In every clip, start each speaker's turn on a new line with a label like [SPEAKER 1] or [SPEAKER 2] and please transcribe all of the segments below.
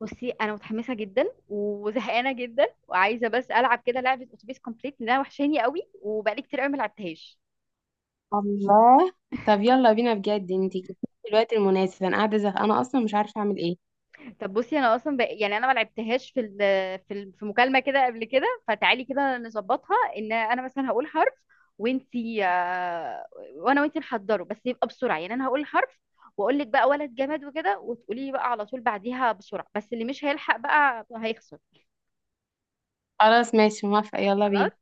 [SPEAKER 1] بصي انا متحمسه جدا وزهقانه جدا وعايزه بس العب كده لعبه اتوبيس كومبليت لانها وحشاني قوي وبقالي كتير قوي ما لعبتهاش.
[SPEAKER 2] الله. طب يلا بينا، بجد انت جبتيلي في الوقت المناسب، انا قاعده زهقانه اصلا مش عارفه اعمل ايه.
[SPEAKER 1] طب بصي، انا اصلا يعني انا ما لعبتهاش في مكالمه كده قبل كده، فتعالي كده نظبطها ان انا مثلا هقول حرف وانتي وانا وانتي نحضره، بس يبقى بسرعه. يعني انا هقول حرف واقول لك بقى ولد جماد وكده، وتقولي لي بقى على طول بعديها بسرعه، بس اللي مش هيلحق بقى هيخسر.
[SPEAKER 2] خلاص ماشي، موافقه، يلا
[SPEAKER 1] خلاص
[SPEAKER 2] بينا.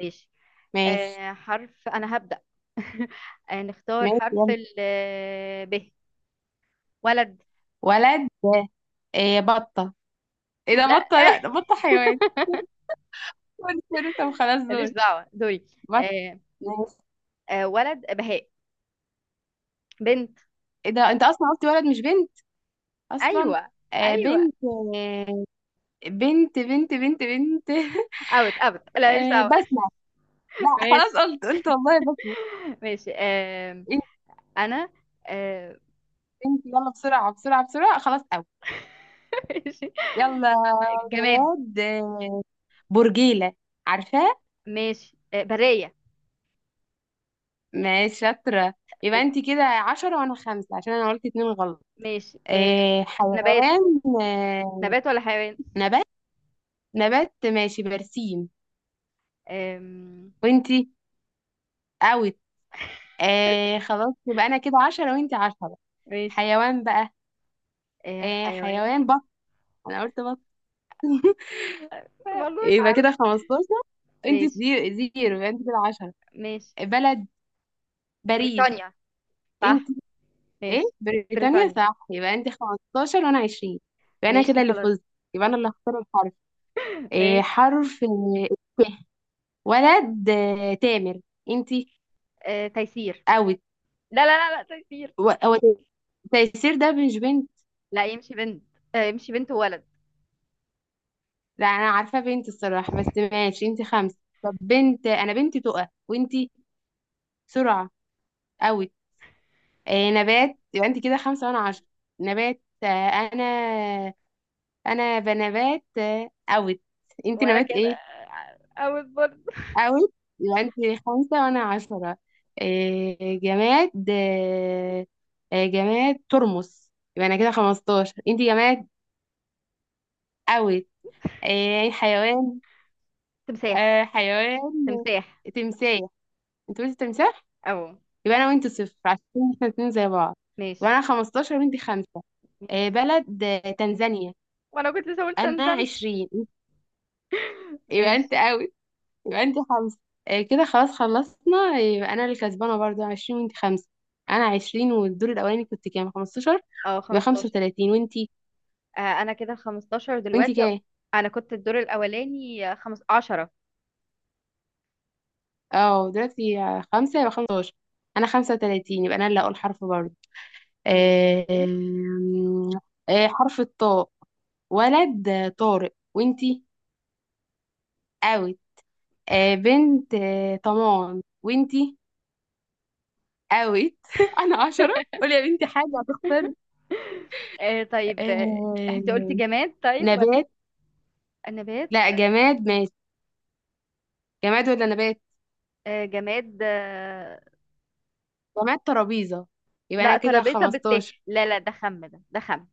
[SPEAKER 1] ماشي.
[SPEAKER 2] ماشي.
[SPEAKER 1] آه، حرف. أنا هبدأ. آه، نختار
[SPEAKER 2] ماشي
[SPEAKER 1] حرف
[SPEAKER 2] يلا.
[SPEAKER 1] ال آه، ب. ولد.
[SPEAKER 2] ولد. إيه؟ بطه. ايه ده؟ بطه، لا ده بطه حيوان. سوري سوري، طب خلاص
[SPEAKER 1] ماليش
[SPEAKER 2] دول.
[SPEAKER 1] دعوة دوري.
[SPEAKER 2] بطه.
[SPEAKER 1] آه.
[SPEAKER 2] ماشي.
[SPEAKER 1] آه، ولد بهاء. بنت.
[SPEAKER 2] ايه ده؟ انت اصلا قلت ولد مش بنت اصلا.
[SPEAKER 1] أيوة.
[SPEAKER 2] آه
[SPEAKER 1] أيوة.
[SPEAKER 2] بنت، آه. بنت بنت بنت بنت.
[SPEAKER 1] أوت أوت، لا، ماليش
[SPEAKER 2] آه
[SPEAKER 1] دعوة.
[SPEAKER 2] بسمه. لا خلاص،
[SPEAKER 1] ماشي.
[SPEAKER 2] قلت والله بسمه.
[SPEAKER 1] ماشي. آه.
[SPEAKER 2] انت
[SPEAKER 1] أنا. آه.
[SPEAKER 2] انت يلا، بسرعه بسرعه بسرعه، خلاص.
[SPEAKER 1] ماشي.
[SPEAKER 2] يلا يا
[SPEAKER 1] جماد.
[SPEAKER 2] جماد، برجيلة، عارفاه؟
[SPEAKER 1] ماشي، آه، برية.
[SPEAKER 2] ماشي شاطرة. يبقى انت كده عشرة وانا خمسة عشان انا قلت اتنين غلط.
[SPEAKER 1] ماشي، آه،
[SPEAKER 2] آه
[SPEAKER 1] نبات.
[SPEAKER 2] حيوان،
[SPEAKER 1] نبات ولا حيوان؟
[SPEAKER 2] نبات. نبات ماشي، برسيم.
[SPEAKER 1] آم.
[SPEAKER 2] وانتي؟ اوت. آه خلاص، يبقى انا كده عشرة وانتي عشرة.
[SPEAKER 1] ماشي.
[SPEAKER 2] حيوان بقى.
[SPEAKER 1] آه،
[SPEAKER 2] آه
[SPEAKER 1] حيوان.
[SPEAKER 2] حيوان، بط. انا قلت بط،
[SPEAKER 1] والله مش
[SPEAKER 2] يبقى
[SPEAKER 1] عارف.
[SPEAKER 2] كده خمستاشر، انتي
[SPEAKER 1] ماشي.
[SPEAKER 2] زيرو زيرو يبقى انتي كده عشرة.
[SPEAKER 1] ماشي.
[SPEAKER 2] بلد، باريس.
[SPEAKER 1] بريطانيا
[SPEAKER 2] انت؟
[SPEAKER 1] صح.
[SPEAKER 2] ايه
[SPEAKER 1] ماشي.
[SPEAKER 2] بريطانيا،
[SPEAKER 1] بريطانيا.
[SPEAKER 2] صح، يبقى انت 15 وانا 20. يبقى انا كده
[SPEAKER 1] ماشي
[SPEAKER 2] اللي
[SPEAKER 1] خلاص.
[SPEAKER 2] فزت، يبقى انا اللي هختار الحرف. إيه
[SPEAKER 1] ماشي.
[SPEAKER 2] حرف؟ ت. ولد، تامر. انت؟
[SPEAKER 1] آه، تيسير.
[SPEAKER 2] اوت.
[SPEAKER 1] لا لا لا لا، تيسير.
[SPEAKER 2] هو تيسير ده مش بنت.
[SPEAKER 1] لا، يمشي بنت. آه، يمشي بنت وولد.
[SPEAKER 2] لا انا عارفه بنت الصراحه، بس ماشي، انت خمسه. طب بنت، انا بنتي تقى، وانت؟ سرعه. اوت. إيه، نبات، يبقى انت كده خمسه وانا عشرة. نبات، انا. انا بنبات، اوت. انت
[SPEAKER 1] ولا
[SPEAKER 2] نبات
[SPEAKER 1] كده.
[SPEAKER 2] ايه؟
[SPEAKER 1] او برضه.
[SPEAKER 2] اوت. يبقى انت خمسة وانا عشرة. إيه جماد؟ إيه؟ إيه جماد، ترمس. يبقى انا كده خمستاشر. انت جماد؟ اوت. إيه حيوان؟
[SPEAKER 1] تمساح.
[SPEAKER 2] آه حيوان،
[SPEAKER 1] تمساح.
[SPEAKER 2] تمساح. انت قلت تمساح،
[SPEAKER 1] او.
[SPEAKER 2] يبقى انا وانت صفر عشان احنا اتنين زي بعض. يبقى
[SPEAKER 1] ماشي.
[SPEAKER 2] انا خمستاشر وانت خمسة. إيه
[SPEAKER 1] ماشي.
[SPEAKER 2] بلد؟ تنزانيا.
[SPEAKER 1] وانا كنت لسه قلت
[SPEAKER 2] انا
[SPEAKER 1] تنزانيا.
[SPEAKER 2] عشرين. يبقى
[SPEAKER 1] ماشي.
[SPEAKER 2] انت اوت، يبقى انت خمسة. كده خلاص خلصنا، يبقى انا اللي كسبانة برضو عشرين وانت خمسة. انا عشرين، والدور الاولاني كنت كام؟ خمستاشر،
[SPEAKER 1] اه،
[SPEAKER 2] يبقى خمسة
[SPEAKER 1] 15.
[SPEAKER 2] وتلاتين. وانتي؟
[SPEAKER 1] آه، انا كده 15
[SPEAKER 2] وانتي
[SPEAKER 1] دلوقتي.
[SPEAKER 2] كام؟
[SPEAKER 1] انا كنت الدور الاولاني آه، خمس 10.
[SPEAKER 2] اه دلوقتي خمسة، يبقى خمستاشر. انا خمسة وتلاتين، يبقى انا اللي اقول حرف برضو. آه،
[SPEAKER 1] ماشي.
[SPEAKER 2] آم، آه، حرف الطاء. ولد، طارق. وانتي؟ اوت. بنت، طمان. وانتي؟ اوت. انا عشرة. قولي يا بنتي حاجة هتختار.
[SPEAKER 1] آه، طيب، آه، انت قلتي
[SPEAKER 2] آه،
[SPEAKER 1] جماد طيب ولا
[SPEAKER 2] نبات؟
[SPEAKER 1] نبات؟
[SPEAKER 2] لا جماد ماشي. جماد ولا نبات؟
[SPEAKER 1] آه، جماد، آه.
[SPEAKER 2] جماد، ترابيزة، يبقى انا
[SPEAKER 1] لا،
[SPEAKER 2] كده
[SPEAKER 1] ترابيزة بالت.
[SPEAKER 2] 15.
[SPEAKER 1] لا لا، ده خم.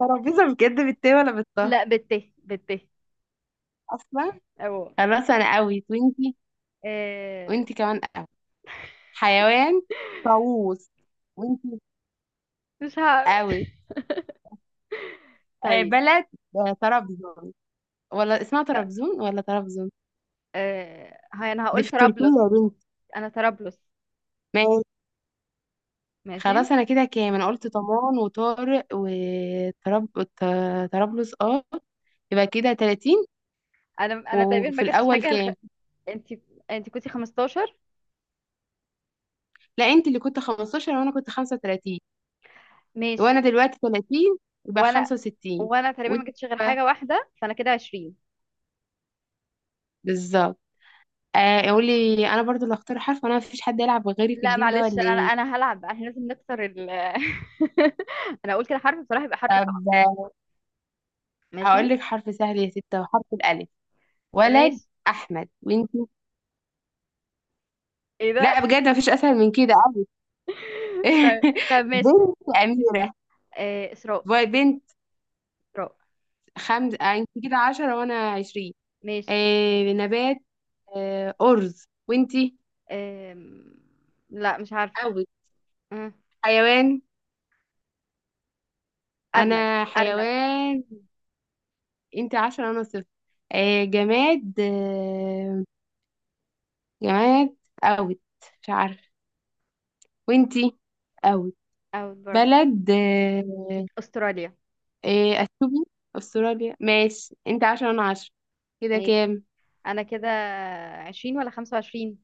[SPEAKER 2] ترابيزة بجد بالتاء ولا بالطه
[SPEAKER 1] لا، بالت بالت.
[SPEAKER 2] اصلا؟
[SPEAKER 1] أو.
[SPEAKER 2] خلاص انا قوي، وانتي؟
[SPEAKER 1] آه.
[SPEAKER 2] وانتي كمان قوي. حيوان، طاووس. وانتي؟
[SPEAKER 1] مش هعرف.
[SPEAKER 2] قوي. آه
[SPEAKER 1] طيب.
[SPEAKER 2] بلد، آه طرابزون. ولا اسمها
[SPEAKER 1] ت...
[SPEAKER 2] طرابزون ولا طرابزون؟
[SPEAKER 1] هاي، أنا
[SPEAKER 2] دي
[SPEAKER 1] هقول
[SPEAKER 2] في تركيا
[SPEAKER 1] طرابلس.
[SPEAKER 2] يا بنتي.
[SPEAKER 1] أنا طرابلس.
[SPEAKER 2] ماشي
[SPEAKER 1] ماشي.
[SPEAKER 2] خلاص. انا كده كام؟ انا قلت طمان وطارق وطراب وط- طرابلس، اه، يبقى كده 30.
[SPEAKER 1] أنا تقريبا ما
[SPEAKER 2] وفي
[SPEAKER 1] جبتش
[SPEAKER 2] الاول
[SPEAKER 1] حاجة
[SPEAKER 2] كام؟
[SPEAKER 1] أنت. أنت كنتي 15.
[SPEAKER 2] لا انت اللي كنت 15، وانا كنت 35، وانا
[SPEAKER 1] ماشي.
[SPEAKER 2] دلوقتي 30، يبقى
[SPEAKER 1] وأنا
[SPEAKER 2] 65.
[SPEAKER 1] وأنا تقريبا ما
[SPEAKER 2] وانت
[SPEAKER 1] جبتش غير
[SPEAKER 2] بقى؟
[SPEAKER 1] حاجة واحدة، فأنا كده 20.
[SPEAKER 2] بالظبط. آه قولي، انا برضو اللي اختار حرف، وانا مفيش حد يلعب غيري في
[SPEAKER 1] لا
[SPEAKER 2] الجيم ده
[SPEAKER 1] معلش،
[SPEAKER 2] ولا
[SPEAKER 1] أنا
[SPEAKER 2] ايه؟
[SPEAKER 1] أنا هلعب بقى، احنا لازم نكسر ال أنا أقول كده حرف بصراحة، يبقى حرف
[SPEAKER 2] طب
[SPEAKER 1] صعب. ماشي.
[SPEAKER 2] هقول لك حرف سهل يا ستة، وحرف الالف. ولد،
[SPEAKER 1] ماشي.
[SPEAKER 2] احمد. وانت؟
[SPEAKER 1] إيه ده؟
[SPEAKER 2] لا بجد مفيش اسهل من كده أوي.
[SPEAKER 1] طيب. طب ماشي.
[SPEAKER 2] بنت، اميرة.
[SPEAKER 1] آه، إسراء.
[SPEAKER 2] بنت،
[SPEAKER 1] إسراء.
[SPEAKER 2] خمسة. انت كده 10 وانا 20.
[SPEAKER 1] ماشي.
[SPEAKER 2] آه نبات، آه ارز. وانت؟
[SPEAKER 1] آم. لا، مش عارفة.
[SPEAKER 2] قوي.
[SPEAKER 1] مم.
[SPEAKER 2] حيوان.
[SPEAKER 1] أرنب.
[SPEAKER 2] انا
[SPEAKER 1] أرنب.
[SPEAKER 2] حيوان. انت عشرة انا صفر. آه جماد، آه جماد، اوت، مش عارفه. وانتي؟ اوت.
[SPEAKER 1] أوت برضه.
[SPEAKER 2] بلد، آه،
[SPEAKER 1] أستراليا.
[SPEAKER 2] آه اثيوبيا. استراليا، ماشي، انت عشرة انا عشرة. كده
[SPEAKER 1] ماشي.
[SPEAKER 2] كام؟
[SPEAKER 1] أنا كده عشرين ولا خمسة وعشرين؟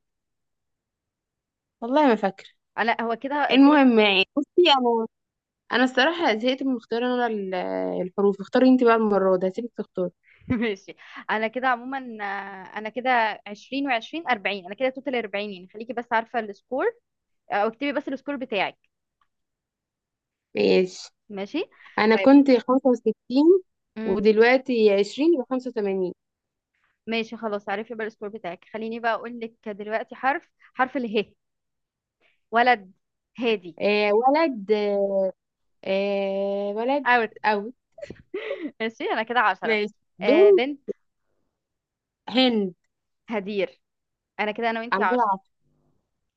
[SPEAKER 2] والله ما فاكره.
[SPEAKER 1] آه، لا، هو كده كده.
[SPEAKER 2] المهم يعني، بصي انا، انا الصراحه زهقت من اختيار انا الحروف. اختاري انت بقى، المره دي هسيبك تختاري.
[SPEAKER 1] ماشي. أنا كده عموما آه، أنا كده عشرين وعشرين أربعين، أنا كده توتال أربعين، يعني خليكي بس عارفة السكور. أو اكتبي بس السكور بتاعك.
[SPEAKER 2] ماشي،
[SPEAKER 1] ماشي.
[SPEAKER 2] انا
[SPEAKER 1] طيب.
[SPEAKER 2] كنت 65،
[SPEAKER 1] مم.
[SPEAKER 2] ودلوقتي 20، يبقى 85.
[SPEAKER 1] ماشي خلاص، عارفة بقى السكور بتاعك. خليني بقى أقول لك دلوقتي حرف. حرف اله. ولد. هادي.
[SPEAKER 2] آه ولد، آه ولد،
[SPEAKER 1] اوت.
[SPEAKER 2] أوي.
[SPEAKER 1] ماشي، انا كده عشرة.
[SPEAKER 2] ماشي.
[SPEAKER 1] آه،
[SPEAKER 2] بنت،
[SPEAKER 1] بنت
[SPEAKER 2] هند.
[SPEAKER 1] هدير. انا كده انا
[SPEAKER 2] أنا
[SPEAKER 1] وانتي
[SPEAKER 2] كده
[SPEAKER 1] عشرة.
[SPEAKER 2] عشرة.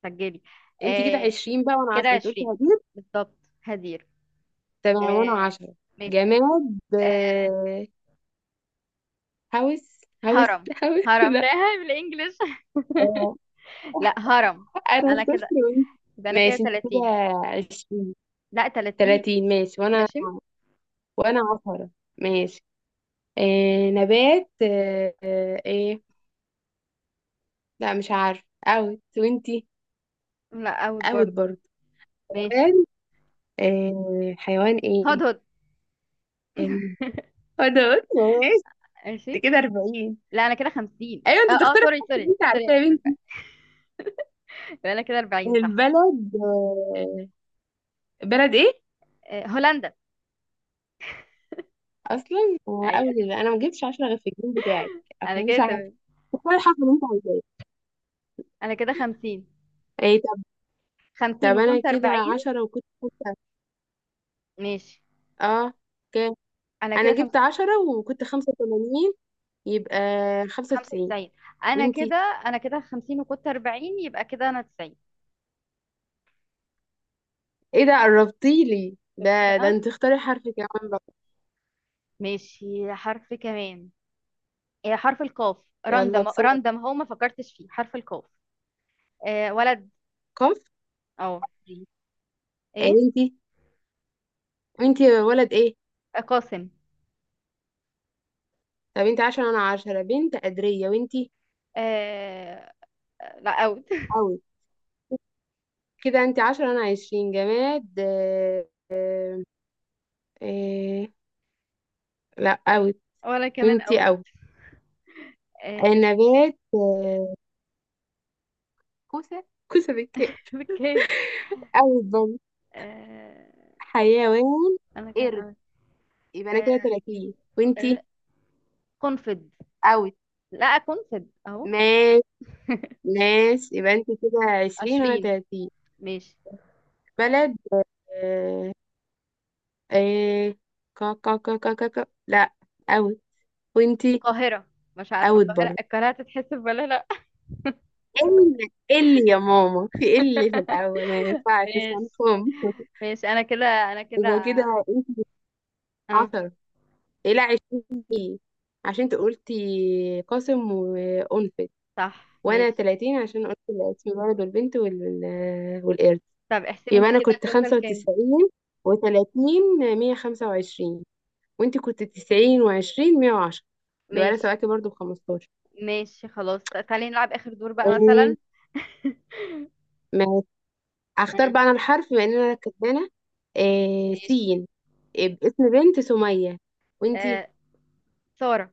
[SPEAKER 1] سجلي.
[SPEAKER 2] أنت كده
[SPEAKER 1] آه،
[SPEAKER 2] عشرين بقى وأنا
[SPEAKER 1] كده
[SPEAKER 2] عشرة، أنت قلتي
[SPEAKER 1] عشرين.
[SPEAKER 2] هجيب.
[SPEAKER 1] بالضبط هدير.
[SPEAKER 2] تمام، وأنا
[SPEAKER 1] آه.
[SPEAKER 2] عشرة.
[SPEAKER 1] ماشي.
[SPEAKER 2] جماد،
[SPEAKER 1] آه.
[SPEAKER 2] آه، هوس، هوس،
[SPEAKER 1] هرم.
[SPEAKER 2] هوس.
[SPEAKER 1] هرم،
[SPEAKER 2] لا.
[SPEAKER 1] لا. بالانجلش.
[SPEAKER 2] آه،
[SPEAKER 1] لا، هرم.
[SPEAKER 2] أنا
[SPEAKER 1] انا كده،
[SPEAKER 2] صفر. وأنت؟
[SPEAKER 1] يبقى انا كده
[SPEAKER 2] ماشي أنت كده
[SPEAKER 1] 30.
[SPEAKER 2] عشرين،
[SPEAKER 1] لا، 30.
[SPEAKER 2] تلاتين ماشي. وأنا،
[SPEAKER 1] ماشي.
[SPEAKER 2] وأنا عشرة. ماشي. آه نبات، إيه؟ لا مش عارف، أوت. وأنتي؟
[SPEAKER 1] لا، اوت
[SPEAKER 2] أوت
[SPEAKER 1] برضه.
[SPEAKER 2] برضه.
[SPEAKER 1] ماشي.
[SPEAKER 2] حيوان. آه حيوان إيه؟
[SPEAKER 1] هدهد.
[SPEAKER 2] آه، انا قلت ماشي.
[SPEAKER 1] ماشي.
[SPEAKER 2] انت كده 40.
[SPEAKER 1] لا، انا كده 50.
[SPEAKER 2] ايوه
[SPEAKER 1] اه
[SPEAKER 2] انت
[SPEAKER 1] اه،
[SPEAKER 2] تختار
[SPEAKER 1] سوري
[SPEAKER 2] الحاجات اللي
[SPEAKER 1] سوري
[SPEAKER 2] انت
[SPEAKER 1] سوري.
[SPEAKER 2] عارفاها يا بنتي.
[SPEAKER 1] يبقى انا كده 40 صح.
[SPEAKER 2] البلد، بلد ايه؟
[SPEAKER 1] آه، هولندا.
[SPEAKER 2] اصلا هو اول
[SPEAKER 1] ايوه.
[SPEAKER 2] كده انا ما جبتش 10 غير في الجيم بتاعك.
[SPEAKER 1] انا
[SPEAKER 2] انا
[SPEAKER 1] كده
[SPEAKER 2] مش عارفه
[SPEAKER 1] تمام.
[SPEAKER 2] تختار الحرف اللي انت عايزاه.
[SPEAKER 1] انا كده 50.
[SPEAKER 2] ايه طب؟ طب
[SPEAKER 1] 50
[SPEAKER 2] انا
[SPEAKER 1] وكنت
[SPEAKER 2] كده
[SPEAKER 1] 40.
[SPEAKER 2] 10 وكنت خمسة،
[SPEAKER 1] ماشي.
[SPEAKER 2] اه. كام؟
[SPEAKER 1] انا
[SPEAKER 2] انا
[SPEAKER 1] كده
[SPEAKER 2] جبت 10، وكنت 85، يبقى 95.
[SPEAKER 1] 95. انا كده،
[SPEAKER 2] وانتي؟
[SPEAKER 1] انا كده 50 وكنت 40، يبقى كده انا 90.
[SPEAKER 2] ايه ده قربتيلي
[SPEAKER 1] شفتي
[SPEAKER 2] ده؟ ده
[SPEAKER 1] بقى.
[SPEAKER 2] انت اختاري حرف كمان بقى.
[SPEAKER 1] ماشي، حرف كمان. إيه، حرف القاف.
[SPEAKER 2] يلا
[SPEAKER 1] راندم
[SPEAKER 2] بسرعه.
[SPEAKER 1] راندم، هو ما فكرتش فيه حرف القاف. آه، ولد.
[SPEAKER 2] كفري.
[SPEAKER 1] اه.
[SPEAKER 2] ايه؟
[SPEAKER 1] ايه.
[SPEAKER 2] انتي، انتي ولد ايه؟
[SPEAKER 1] آه، قاسم.
[SPEAKER 2] طب انت عشرة انا عشرة. بنت قدرية. وانتي؟
[SPEAKER 1] آه. لا، اوت.
[SPEAKER 2] قوي. كده انتي عشرة انا عشرين. جماد، آه، آه، لا قوي.
[SPEAKER 1] ولا كمان
[SPEAKER 2] وانتي؟
[SPEAKER 1] اوت.
[SPEAKER 2] قوي.
[SPEAKER 1] آه.
[SPEAKER 2] نبات، كوسة. كوسة بالكاف؟
[SPEAKER 1] بالكيف.
[SPEAKER 2] قوي برضه.
[SPEAKER 1] آه.
[SPEAKER 2] حيوان،
[SPEAKER 1] انا كان
[SPEAKER 2] قرد،
[SPEAKER 1] اوت.
[SPEAKER 2] يبقى انا كده
[SPEAKER 1] آه.
[SPEAKER 2] تلاتين.
[SPEAKER 1] ر-
[SPEAKER 2] وانتي؟
[SPEAKER 1] قنفد.
[SPEAKER 2] قوي.
[SPEAKER 1] لا، قنفد اهو.
[SPEAKER 2] ناس، ناس، يبقى انتي كده عشرين وانا
[SPEAKER 1] 20.
[SPEAKER 2] تلاتين.
[SPEAKER 1] ماشي.
[SPEAKER 2] بلد، آه، آه، كا كا كا كا كا كا، لا قوي. وانتي؟
[SPEAKER 1] القاهرة. مش عارفة
[SPEAKER 2] قوي
[SPEAKER 1] القاهرة
[SPEAKER 2] برضه.
[SPEAKER 1] القاهرة هتتحسب ولا لا.
[SPEAKER 2] ال، ال يا ماما في ال، في الأول ما ينفعش، مش
[SPEAKER 1] ماشي.
[SPEAKER 2] هنفهم.
[SPEAKER 1] ماشي. انا كده، انا كده،
[SPEAKER 2] يبقى كده انت
[SPEAKER 1] اه،
[SPEAKER 2] عشرة. إيه؟ لا عشرين ليه؟ عشان انت قلتي قاسم وأنفت.
[SPEAKER 1] صح،
[SPEAKER 2] وأنا
[SPEAKER 1] ماشي.
[SPEAKER 2] تلاتين عشان قلت الاسم الولد والبنت وال... والقرد.
[SPEAKER 1] طب احسبي انت
[SPEAKER 2] يبقى أنا
[SPEAKER 1] كده
[SPEAKER 2] كنت
[SPEAKER 1] توتال
[SPEAKER 2] خمسة
[SPEAKER 1] كام.
[SPEAKER 2] وتسعين وتلاتين، مية خمسة وعشرين. وانت كنت تسعين وعشرين، مية وعشرة. يبقى أنا
[SPEAKER 1] ماشي.
[SPEAKER 2] سبقتي برضه بخمستاشر.
[SPEAKER 1] ماشي خلاص، تعالي نلعب اخر دور بقى مثلا.
[SPEAKER 2] تمام، اختار
[SPEAKER 1] آه.
[SPEAKER 2] بقى انا الحرف بما ان انا كسبانه. آه
[SPEAKER 1] ماشي.
[SPEAKER 2] سين. آه باسم. بنت، سميه. وانتي؟
[SPEAKER 1] آه، سارة.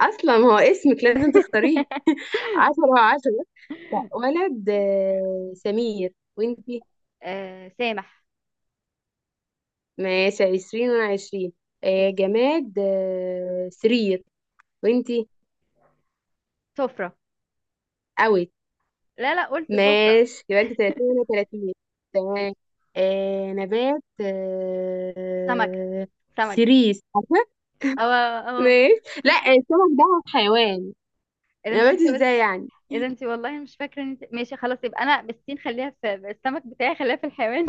[SPEAKER 2] اصلا هو اسمك لازم تختاريه. عشرة وعشرة. لا، ولد، آه سمير. وانتي؟
[SPEAKER 1] آه، سامح.
[SPEAKER 2] ماشي، عشرين وانا عشرين. آه
[SPEAKER 1] ماشي.
[SPEAKER 2] جماد، آه سرير. وانتي؟
[SPEAKER 1] سفرة.
[SPEAKER 2] اوت.
[SPEAKER 1] لا لا، قلت سفرة.
[SPEAKER 2] ماشي، يبقى انت تلاتين وانا تلاتين،
[SPEAKER 1] ماشي.
[SPEAKER 2] تمام. آه نبات،
[SPEAKER 1] سمكة.
[SPEAKER 2] آه
[SPEAKER 1] سمك.
[SPEAKER 2] سيريس، عارفة؟
[SPEAKER 1] اه اه.
[SPEAKER 2] ماشي. لا السمك ده حيوان.
[SPEAKER 1] اللي
[SPEAKER 2] انا
[SPEAKER 1] مش
[SPEAKER 2] بقيت
[SPEAKER 1] انت.
[SPEAKER 2] ازاي يعني؟
[SPEAKER 1] ايه ده انتي، والله مش فاكره ان ماشي خلاص، يبقى انا بالسين خليها في السمك بتاعي، خليها في الحيوان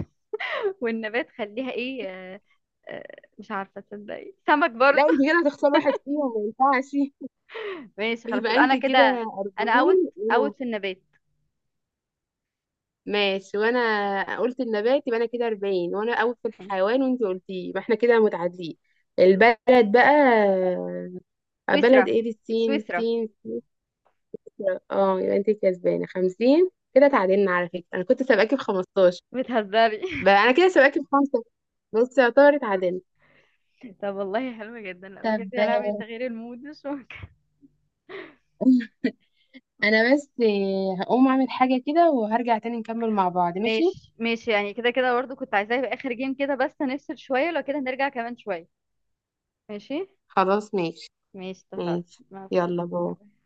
[SPEAKER 1] والنبات خليها ايه، آه، آه، مش عارفه تصدقي سمك
[SPEAKER 2] لا
[SPEAKER 1] برضو.
[SPEAKER 2] انت كده هتختار واحد فيهم، ما ينفعش.
[SPEAKER 1] ماشي خلاص،
[SPEAKER 2] يبقى
[SPEAKER 1] يبقى
[SPEAKER 2] انت
[SPEAKER 1] انا
[SPEAKER 2] كده
[SPEAKER 1] كده. انا اوت.
[SPEAKER 2] 40. وانا؟
[SPEAKER 1] اوت في النبات.
[SPEAKER 2] ماشي، وانا قلت النبات، يبقى انا كده 40، وانا اول في الحيوان وانت قلتيه، يبقى احنا كده متعادلين. البلد بقى،
[SPEAKER 1] سويسرا.
[SPEAKER 2] بلد ايه بالسين،
[SPEAKER 1] سويسرا.
[SPEAKER 2] السين. اه، يبقى انت كسبانه 50، كده تعادلنا. على فكره انا كنت سابقاكي ب 15،
[SPEAKER 1] بتهزري.
[SPEAKER 2] بقى انا كده سابقاكي بخمسه، بس يعتبر اتعادلنا.
[SPEAKER 1] طب والله حلوة جدا، لا
[SPEAKER 2] طب
[SPEAKER 1] بجد يا لهوي، تغيير المود مش ممكن.
[SPEAKER 2] انا بس هقوم اعمل حاجه كده وهرجع تاني نكمل مع بعض، ماشي؟
[SPEAKER 1] ماشي. ماشي، يعني كده كده برضو كنت عايزاه، يبقى اخر جيم كده بس، هنفصل شويه لو كده نرجع كمان شويه. ماشي.
[SPEAKER 2] خلاص ماشي.
[SPEAKER 1] ماشي اتفقنا.
[SPEAKER 2] ماشي،
[SPEAKER 1] مع
[SPEAKER 2] يلا باي.
[SPEAKER 1] السلامه.